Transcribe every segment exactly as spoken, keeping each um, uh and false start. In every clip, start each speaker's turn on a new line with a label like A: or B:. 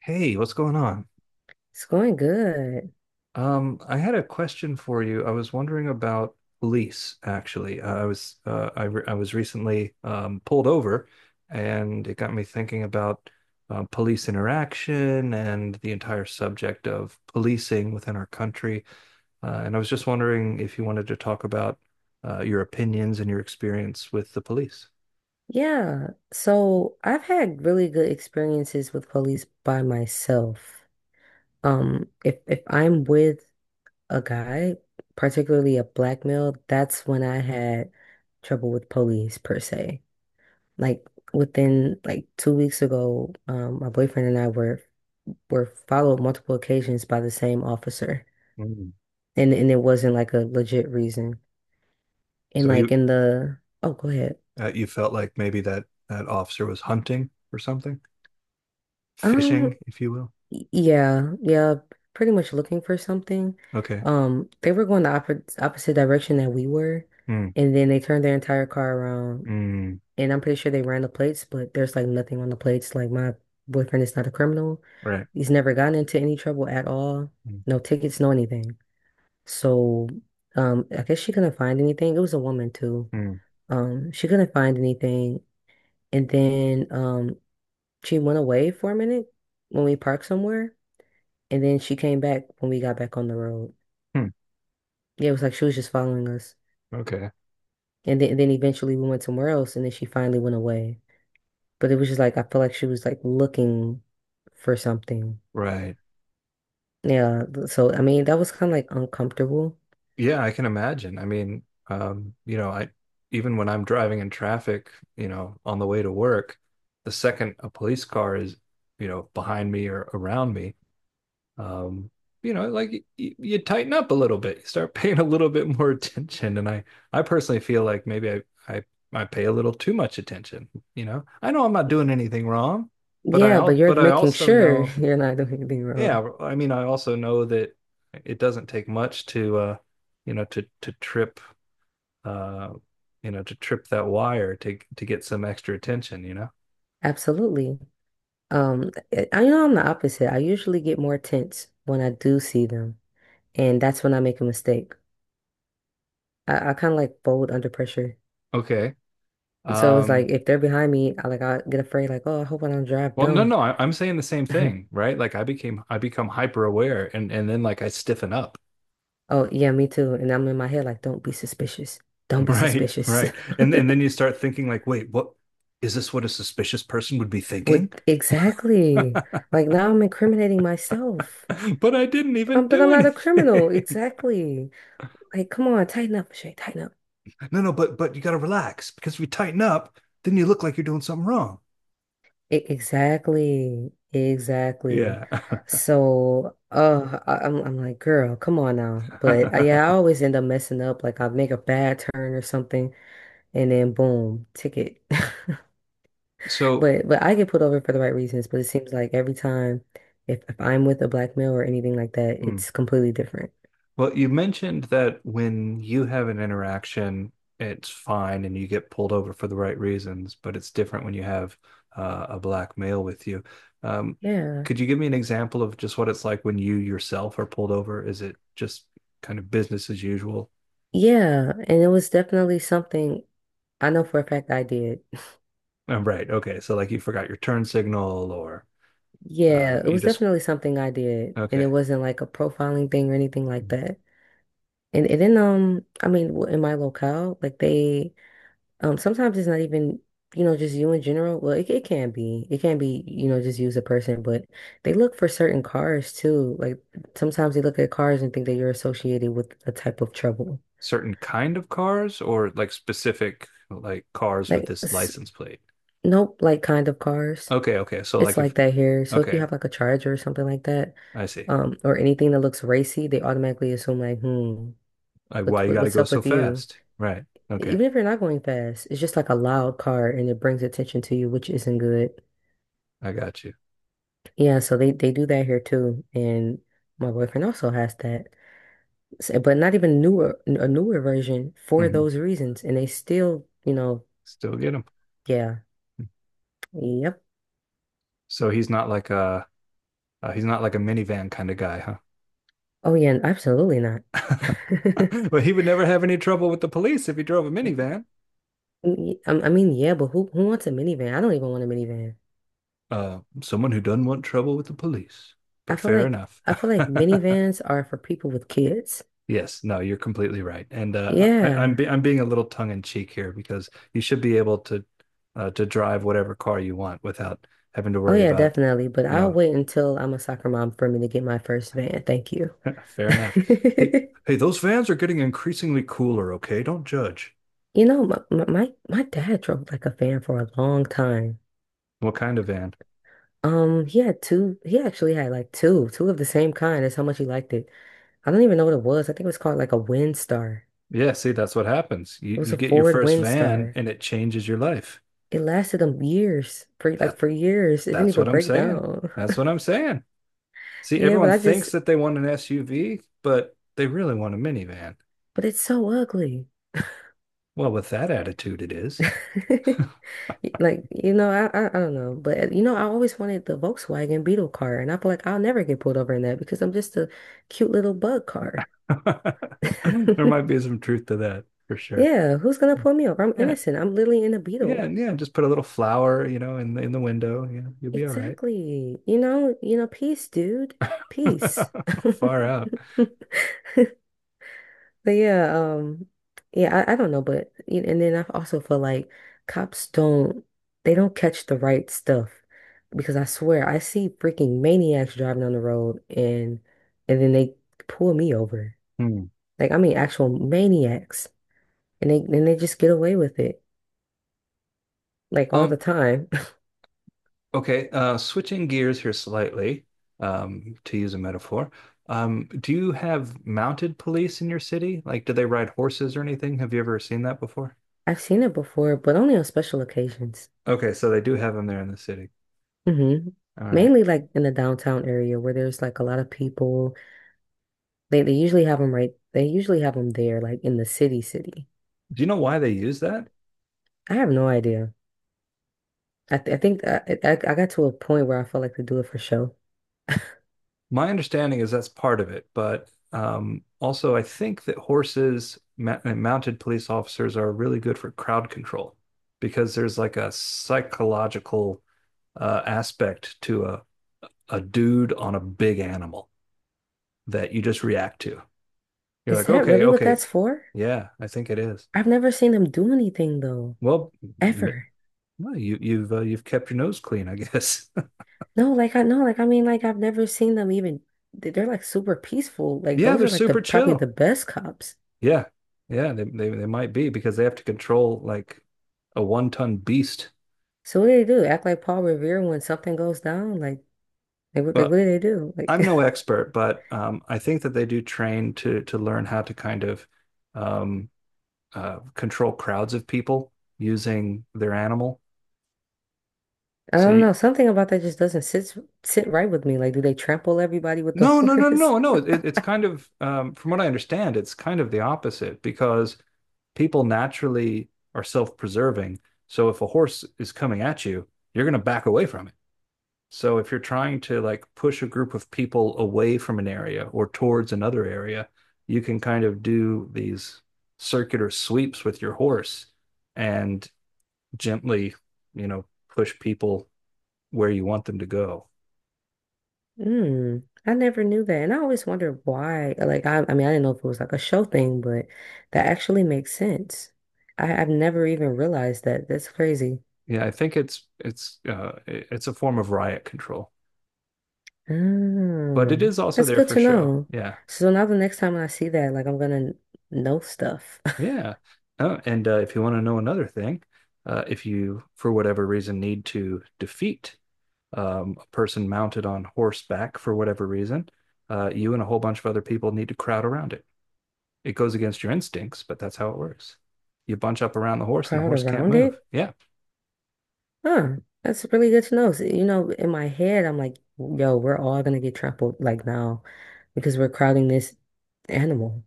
A: Hey, what's going on?
B: It's going good.
A: Um, I had a question for you. I was wondering about police, actually. Uh, I was uh, I, re I was recently um, pulled over, and it got me thinking about uh, police interaction and the entire subject of policing within our country. Uh, and I was just wondering if you wanted to talk about uh, your opinions and your experience with the police.
B: Yeah. So I've had really good experiences with police by myself. Um, if if I'm with a guy, particularly a black male, that's when I had trouble with police per se. Like within like two weeks ago, um, my boyfriend and I were were followed multiple occasions by the same officer.
A: Mm.
B: And and it wasn't like a legit reason. And
A: So
B: like
A: you
B: in the, oh, go ahead.
A: uh, you felt like maybe that that officer was hunting or something, fishing,
B: Um,
A: if you will.
B: Y- Yeah, yeah, pretty much looking for something.
A: Okay.
B: Um, they were going the oppo- opposite direction that we were,
A: Mm,
B: and then they turned their entire car around.
A: mm,
B: And I'm pretty sure they ran the plates, but there's like nothing on the plates. Like my boyfriend is not a criminal.
A: right.
B: He's never gotten into any trouble at all.
A: Mm,
B: No tickets, no anything. So, um, I guess she couldn't find anything. It was a woman too.
A: mm,
B: Um, she couldn't find anything, and then um, she went away for a minute when we parked somewhere. And then she came back when we got back on the road.
A: hmm,
B: Yeah, it was like she was just following us.
A: okay.
B: And then, and then eventually we went somewhere else and then she finally went away. But it was just like I felt like she was like looking for something.
A: Right.
B: Yeah, so I mean that was kind of like uncomfortable.
A: Yeah, I can imagine. I mean, um, you know, I even when I'm driving in traffic, you know, on the way to work, the second a police car is, you know, behind me or around me, um, you know, like y y- you tighten up a little bit. You start paying a little bit more attention. And I I personally feel like maybe I I I pay a little too much attention, you know. I know I'm not doing anything wrong, but I
B: Yeah, but
A: al
B: you're
A: but I
B: making
A: also
B: sure
A: know.
B: you're not doing anything
A: Yeah,
B: wrong.
A: well, I mean, I also know that it doesn't take much to, uh, you know, to to trip, uh, you know, to trip that wire to to get some extra attention. You know.
B: Absolutely. Um, I I know I'm the opposite. I usually get more tense when I do see them, and that's when I make a mistake. I, I kind of like fold under pressure.
A: Okay.
B: So it's like
A: Um.
B: if they're behind me, I like I get afraid, like, oh, I hope I don't drive
A: Well, no,
B: dumb.
A: no, I, I'm saying the same thing, right? Like I became, I become hyper aware, and and then like I stiffen up.
B: Oh, yeah, me too. And I'm in my head like, don't be suspicious. Don't be
A: Right,
B: suspicious.
A: right, and and then you start thinking like, wait, what is this? What a suspicious person would be thinking?
B: With Exactly. Like now I'm incriminating myself.
A: But I didn't even
B: Um, but
A: do
B: I'm not a criminal.
A: anything.
B: Exactly. Like, come on, tighten up, Shay, tighten up.
A: No, no, but but you got to relax because if you tighten up, then you look like you're doing something wrong.
B: E- exactly. Exactly.
A: Yeah.
B: So, uh, I- I'm I'm like, girl, come on now. But uh, yeah, I always end up messing up. Like I make a bad turn or something, and then boom, ticket.
A: So,
B: But but I get pulled over for the right reasons. But it seems like every time, if if I'm with a black male or anything like that,
A: hmm.
B: it's completely different.
A: Well, you mentioned that when you have an interaction, it's fine and you get pulled over for the right reasons, but it's different when you have uh, a black male with you. Um,
B: Yeah,
A: could you give me an example of just what it's like when you yourself are pulled over? Is it just kind of business as usual?
B: yeah, and it was definitely something I know for a fact I did.
A: Oh, right. Okay. So, like, you forgot your turn signal, or uh,
B: Yeah, it
A: you
B: was
A: just,
B: definitely something I did, and it
A: okay.
B: wasn't like a profiling thing or anything like that. And and then um, I mean, w- in my locale, like they. Um, sometimes it's not even, you know, just you in general. Well, it, it can be. It can be, you know, just use a person, but they look for certain cars too. Like sometimes they look at cars and think that you're associated with a type of trouble.
A: Certain kind of cars or like specific like cars with
B: Like
A: this
B: s-
A: license plate?
B: nope, like kind of cars.
A: Okay, okay. So
B: It's
A: like if
B: like that here. So if you
A: okay,
B: have like a Charger or something like that,
A: I see.
B: um, or anything that looks racy, they automatically assume like, hmm,
A: Like why
B: what's
A: you
B: what,
A: got to
B: what's
A: go
B: up
A: so
B: with you?
A: fast? Right. Okay,
B: Even if you're not going fast, it's just like a loud car and it brings attention to you, which isn't good.
A: I got you.
B: Yeah, so they they do that here too, and my boyfriend also has that, So- but not even newer a newer version for
A: Hmm.
B: those reasons, and they still, you know,
A: Still get him.
B: yeah, yep,
A: So he's not like a uh, he's not like a minivan kind of guy, huh?
B: oh yeah, absolutely not.
A: But he would never have any trouble with the police if he drove a minivan.
B: Y- I I mean, yeah, but who who wants a minivan? I don't even want a minivan.
A: Uh, someone who doesn't want trouble with the police.
B: I
A: But
B: feel
A: fair
B: like
A: enough.
B: I feel like minivans are for people with kids.
A: Yes, no, you're completely right, and uh, I, I'm
B: Yeah,
A: be I'm being a little tongue in cheek here because you should be able to uh, to drive whatever car you want without having to
B: oh
A: worry
B: yeah,
A: about,
B: definitely. But
A: you
B: I'll
A: know.
B: wait until I'm a soccer mom for me to get my first van. Thank you.
A: Fair enough. Hey, hey, those vans are getting increasingly cooler. Okay, don't judge.
B: You know, my, my my my dad drove like a fan for a long time.
A: What kind of van?
B: Um, he had two. He actually had like two, two of the same kind. That's how much he liked it. I don't even know what it was. I think it was called like a Windstar.
A: Yeah, see, that's what happens. You
B: It was
A: you
B: a
A: get your
B: Ford
A: first van
B: Windstar.
A: and it changes your life.
B: It lasted him years, for like
A: That
B: for years. It didn't
A: that's
B: even
A: what I'm
B: break
A: saying.
B: down.
A: That's what I'm saying. See,
B: Yeah, but
A: everyone
B: I just,
A: thinks that they want an S U V, but they really want a minivan.
B: but it's so ugly.
A: Well, with that attitude, it is.
B: Like, you know, I, I I don't know, but uh, you know, I always wanted the Volkswagen Beetle car, and I feel like I'll never get pulled over in that because I'm just a cute little bug car.
A: There might be some truth to that for sure.
B: Yeah, who's gonna pull me over? I'm
A: Yeah.
B: innocent. I'm literally in a
A: Yeah.
B: beetle.
A: Yeah. Just put a little flower, you know, in the in the window. Yeah. You'll be all right.
B: Exactly. You know, you know, peace, dude. Peace.
A: Far out.
B: But yeah, um, yeah, I, I don't know, but you and then I also feel like cops don't, they don't catch the right stuff because I swear I see freaking maniacs driving on the road and and then they pull me over.
A: Hmm.
B: Like I mean actual maniacs and they and they just get away with it like all
A: Um,
B: the time.
A: okay. Uh, switching gears here slightly, um, to use a metaphor. Um, do you have mounted police in your city? Like, do they ride horses or anything? Have you ever seen that before?
B: I've seen it before, but only on special occasions.
A: Okay, so they do have them there in the city.
B: Hmm.
A: All right.
B: Mainly like in the downtown area where there's like a lot of people. They they usually have them right. They usually have them there, like in the city, city.
A: Do you know why they use that?
B: I have no idea. I th I think I, I I got to a point where I felt like they do it for show.
A: My understanding is that's part of it, but um, also I think that horses ma- and mounted police officers are really good for crowd control because there's like a psychological uh, aspect to a, a dude on a big animal that you just react to. You're
B: Is
A: like,
B: that
A: okay,
B: really what
A: okay,
B: that's for?
A: yeah, I think it is.
B: I've never seen them do anything though.
A: Well, m-
B: Ever.
A: well you, you've uh, you've kept your nose clean, I guess.
B: No, like I no, like I mean, like I've never seen them even. they- They're like super peaceful. Like
A: Yeah,
B: those
A: they're
B: are like the
A: super
B: probably
A: chill.
B: the best cops.
A: Yeah, yeah, they, they they might be because they have to control like a one ton beast.
B: So what do they do? Act like Paul Revere when something goes down? Like, like what, like
A: Well,
B: what do they do? Like
A: I'm no expert, but um, I think that they do train to to learn how to kind of um, uh, control crowds of people using their animal.
B: I
A: So
B: don't
A: you,
B: know. Something about that just doesn't sit sit right with me. Like, do they trample everybody with the
A: no, no, no,
B: horse?
A: no, no. It, it's kind of um, from what I understand, it's kind of the opposite because people naturally are self-preserving. So if a horse is coming at you, you're going to back away from it. So if you're trying to like push a group of people away from an area or towards another area, you can kind of do these circular sweeps with your horse and gently, you know, push people where you want them to go.
B: Mm, I never knew that, and I always wondered why. Like I, I mean, I didn't know if it was like a show thing, but that actually makes sense. I, I've never even realized that. That's crazy.
A: Yeah, I think it's it's uh it's a form of riot control, but it
B: Mm,
A: is also
B: that's
A: there
B: good
A: for
B: to
A: show.
B: know.
A: Yeah.
B: So now the next time I see that, like I'm gonna know stuff.
A: Yeah. Oh, and uh, if you want to know another thing, uh, if you, for whatever reason, need to defeat um, a person mounted on horseback for whatever reason, uh, you and a whole bunch of other people need to crowd around it. It goes against your instincts, but that's how it works. You bunch up around the horse, and the
B: Crowd
A: horse can't
B: around
A: move.
B: it?
A: Yeah,
B: Huh. That's really good to know. So, you know, in my head, I'm like, yo, we're all gonna get trampled like now because we're crowding this animal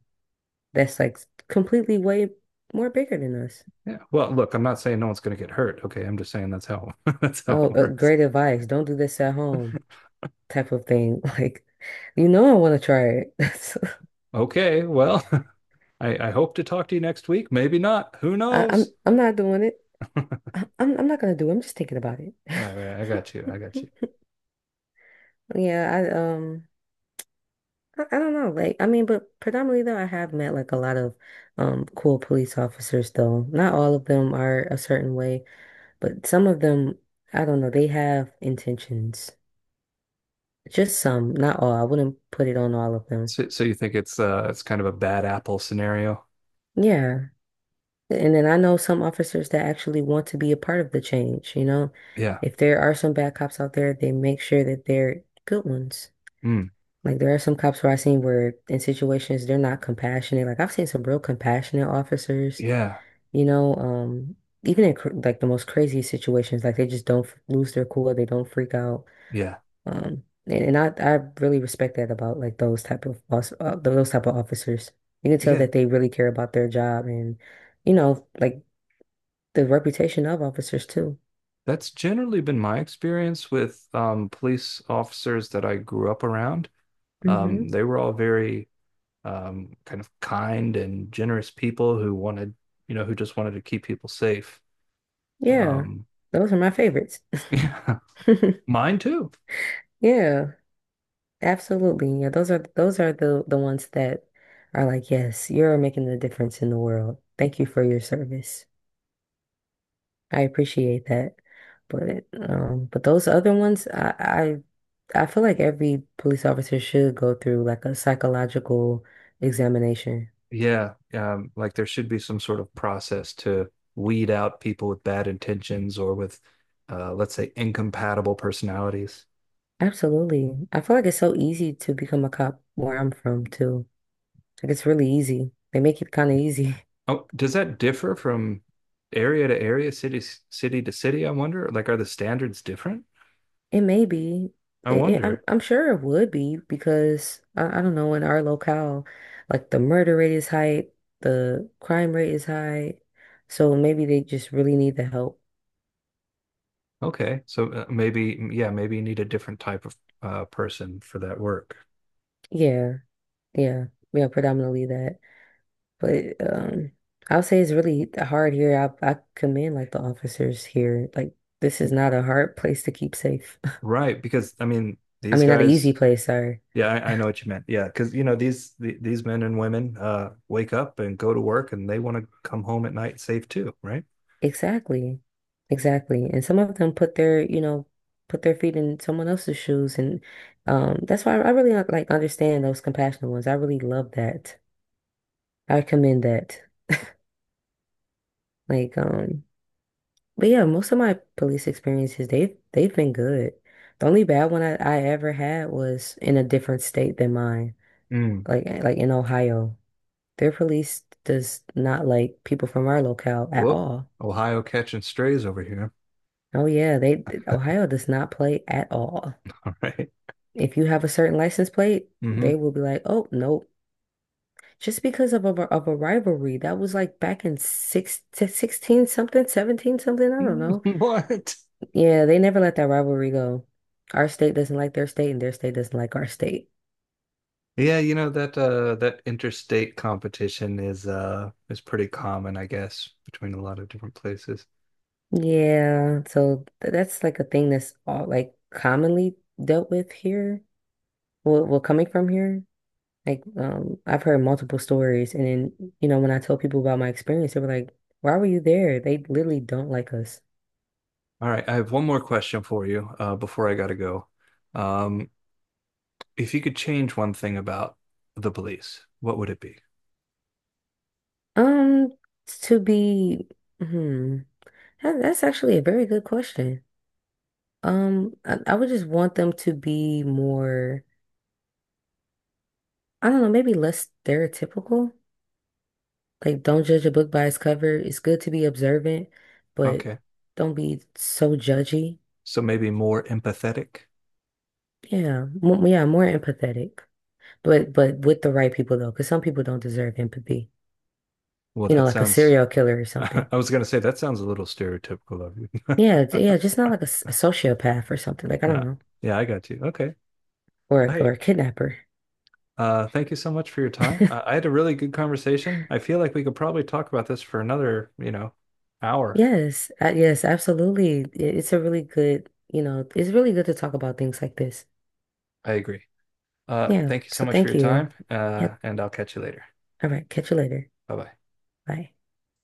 B: that's like completely way more bigger than us.
A: yeah. Well, look, I'm not saying no one's going to get hurt. Okay, I'm just saying that's how that's how it
B: Oh, uh,
A: works.
B: great advice. Don't do this at home type of thing. Like, you know, I want to try it. So,
A: Okay, well, I, I hope to talk to you next week. Maybe not. Who
B: I, I'm
A: knows?
B: I'm not doing it. I, I'm I'm not gonna do it. I'm just thinking about it.
A: Right, right. I got you. I got you.
B: Yeah, I um I, I don't know. Like I mean, but predominantly though I have met like a lot of um cool police officers though. Not all of them are a certain way, but some of them, I don't know, they have intentions. Just some, not all. I wouldn't put it on all of them.
A: So, so you think it's uh it's kind of a bad apple scenario?
B: Yeah. And then I know some officers that actually want to be a part of the change, you know.
A: Yeah.
B: If there are some bad cops out there, they make sure that they're good ones.
A: Mm.
B: Like there are some cops where I've seen where in situations they're not compassionate. Like I've seen some real compassionate officers,
A: Yeah.
B: you know, um, even in cr like the most crazy situations, like they just don't f- lose their cool, they don't freak out.
A: Yeah.
B: Um, and, and I I really respect that about like those type of os- uh, those type of officers. You can tell
A: Yeah.
B: that they really care about their job and, you know, like the reputation of officers too.
A: That's generally been my experience with um, police officers that I grew up around. Um,
B: Hmm.
A: they were all very um, kind of kind and generous people who wanted, you know, who just wanted to keep people safe.
B: Yeah,
A: Um,
B: those are my favorites.
A: yeah, mine too.
B: Yeah. Absolutely. Yeah, those are those are the the ones that are like, yes, you're making the difference in the world. Thank you for your service. I appreciate that. But um, but those other ones, I I, I feel like every police officer should go through like a psychological examination.
A: Yeah, um, like there should be some sort of process to weed out people with bad intentions or with, uh, let's say, incompatible personalities.
B: Absolutely. I feel like it's so easy to become a cop where I'm from too. Like it's really easy. They make it kind of easy.
A: Oh, does that differ from area to area, city city to city? I wonder. Like, are the standards different?
B: It may be.
A: I
B: It, it- I'm
A: wonder.
B: I'm sure it would be because I, I don't know in our locale, like the murder rate is high, the crime rate is high, so maybe they just really need the help.
A: Okay, so uh, maybe yeah, maybe you need a different type of uh, person for that work,
B: Yeah, yeah, yeah, predominantly that. But um, I'll say it's really hard here. I I commend like the officers here. Like this is not a hard place to keep safe.
A: right? Because I mean,
B: I
A: these
B: mean, not an easy
A: guys.
B: place. Sorry.
A: Yeah, I, I know what you meant. Yeah, because you know these the, these men and women uh, wake up and go to work, and they want to come home at night safe too, right?
B: Exactly. Exactly. And some of them put their, you know, put their feet in someone else's shoes. And um, that's why I really like like, understand those compassionate ones. I really love that. I commend that. Like, um, but yeah, most of my police experiences, they've they've been good. The only bad one I, I ever had was in a different state than mine.
A: Mm.
B: Like eh, like in Ohio. Their police does not like people from our locale at
A: Whoop!
B: all.
A: Ohio catching strays over here.
B: Oh yeah, they Ohio does not play at all.
A: All right.
B: If you have a certain license plate, they will be like, oh, nope. Just because of a, of a rivalry that was like back in six to sixteen something, seventeen something, I don't know.
A: Mm-hmm. What?
B: Yeah, they never let that rivalry go. Our state doesn't like their state and their state doesn't like our state.
A: Yeah, you know that uh that interstate competition is uh is pretty common, I guess, between a lot of different places.
B: Yeah, so th that's like a thing that's all like commonly dealt with here. Well, well, coming from here, like um, I've heard multiple stories, and then you know when I tell people about my experience, they were like, "Why were you there?" They literally don't like us.
A: All right, I have one more question for you uh before I gotta go. Um, if you could change one thing about the police, what would it be?
B: Um, to be, hmm, that, that's actually a very good question. Um, I, I would just want them to be more, I don't know, maybe less stereotypical. Like, don't judge a book by its cover. It's good to be observant, but
A: Okay.
B: don't be so judgy.
A: So maybe more empathetic?
B: Yeah, mo yeah, more empathetic, but but with the right people though, because some people don't deserve empathy.
A: Well,
B: You know,
A: that
B: like a
A: sounds
B: serial killer or
A: I
B: something.
A: was gonna say that sounds a little stereotypical of you.
B: Yeah, j- yeah, just not like a, s- a sociopath or something. Like, I don't
A: No.
B: know,
A: Yeah, I got you. Okay.
B: or a, or
A: Hey,
B: a kidnapper.
A: Uh, thank you so much for your time. Uh, I had a really good conversation. I feel like we could probably talk about this for another, you know, hour.
B: Yes, uh, yes, absolutely. I- It's a really good, you know, it's really good to talk about things like this.
A: I agree. Uh,
B: Yeah,
A: thank you so
B: so
A: much for
B: thank
A: your
B: you.
A: time, uh,
B: Yep.
A: and I'll catch you later.
B: All right, catch you later.
A: Bye bye.
B: Bye.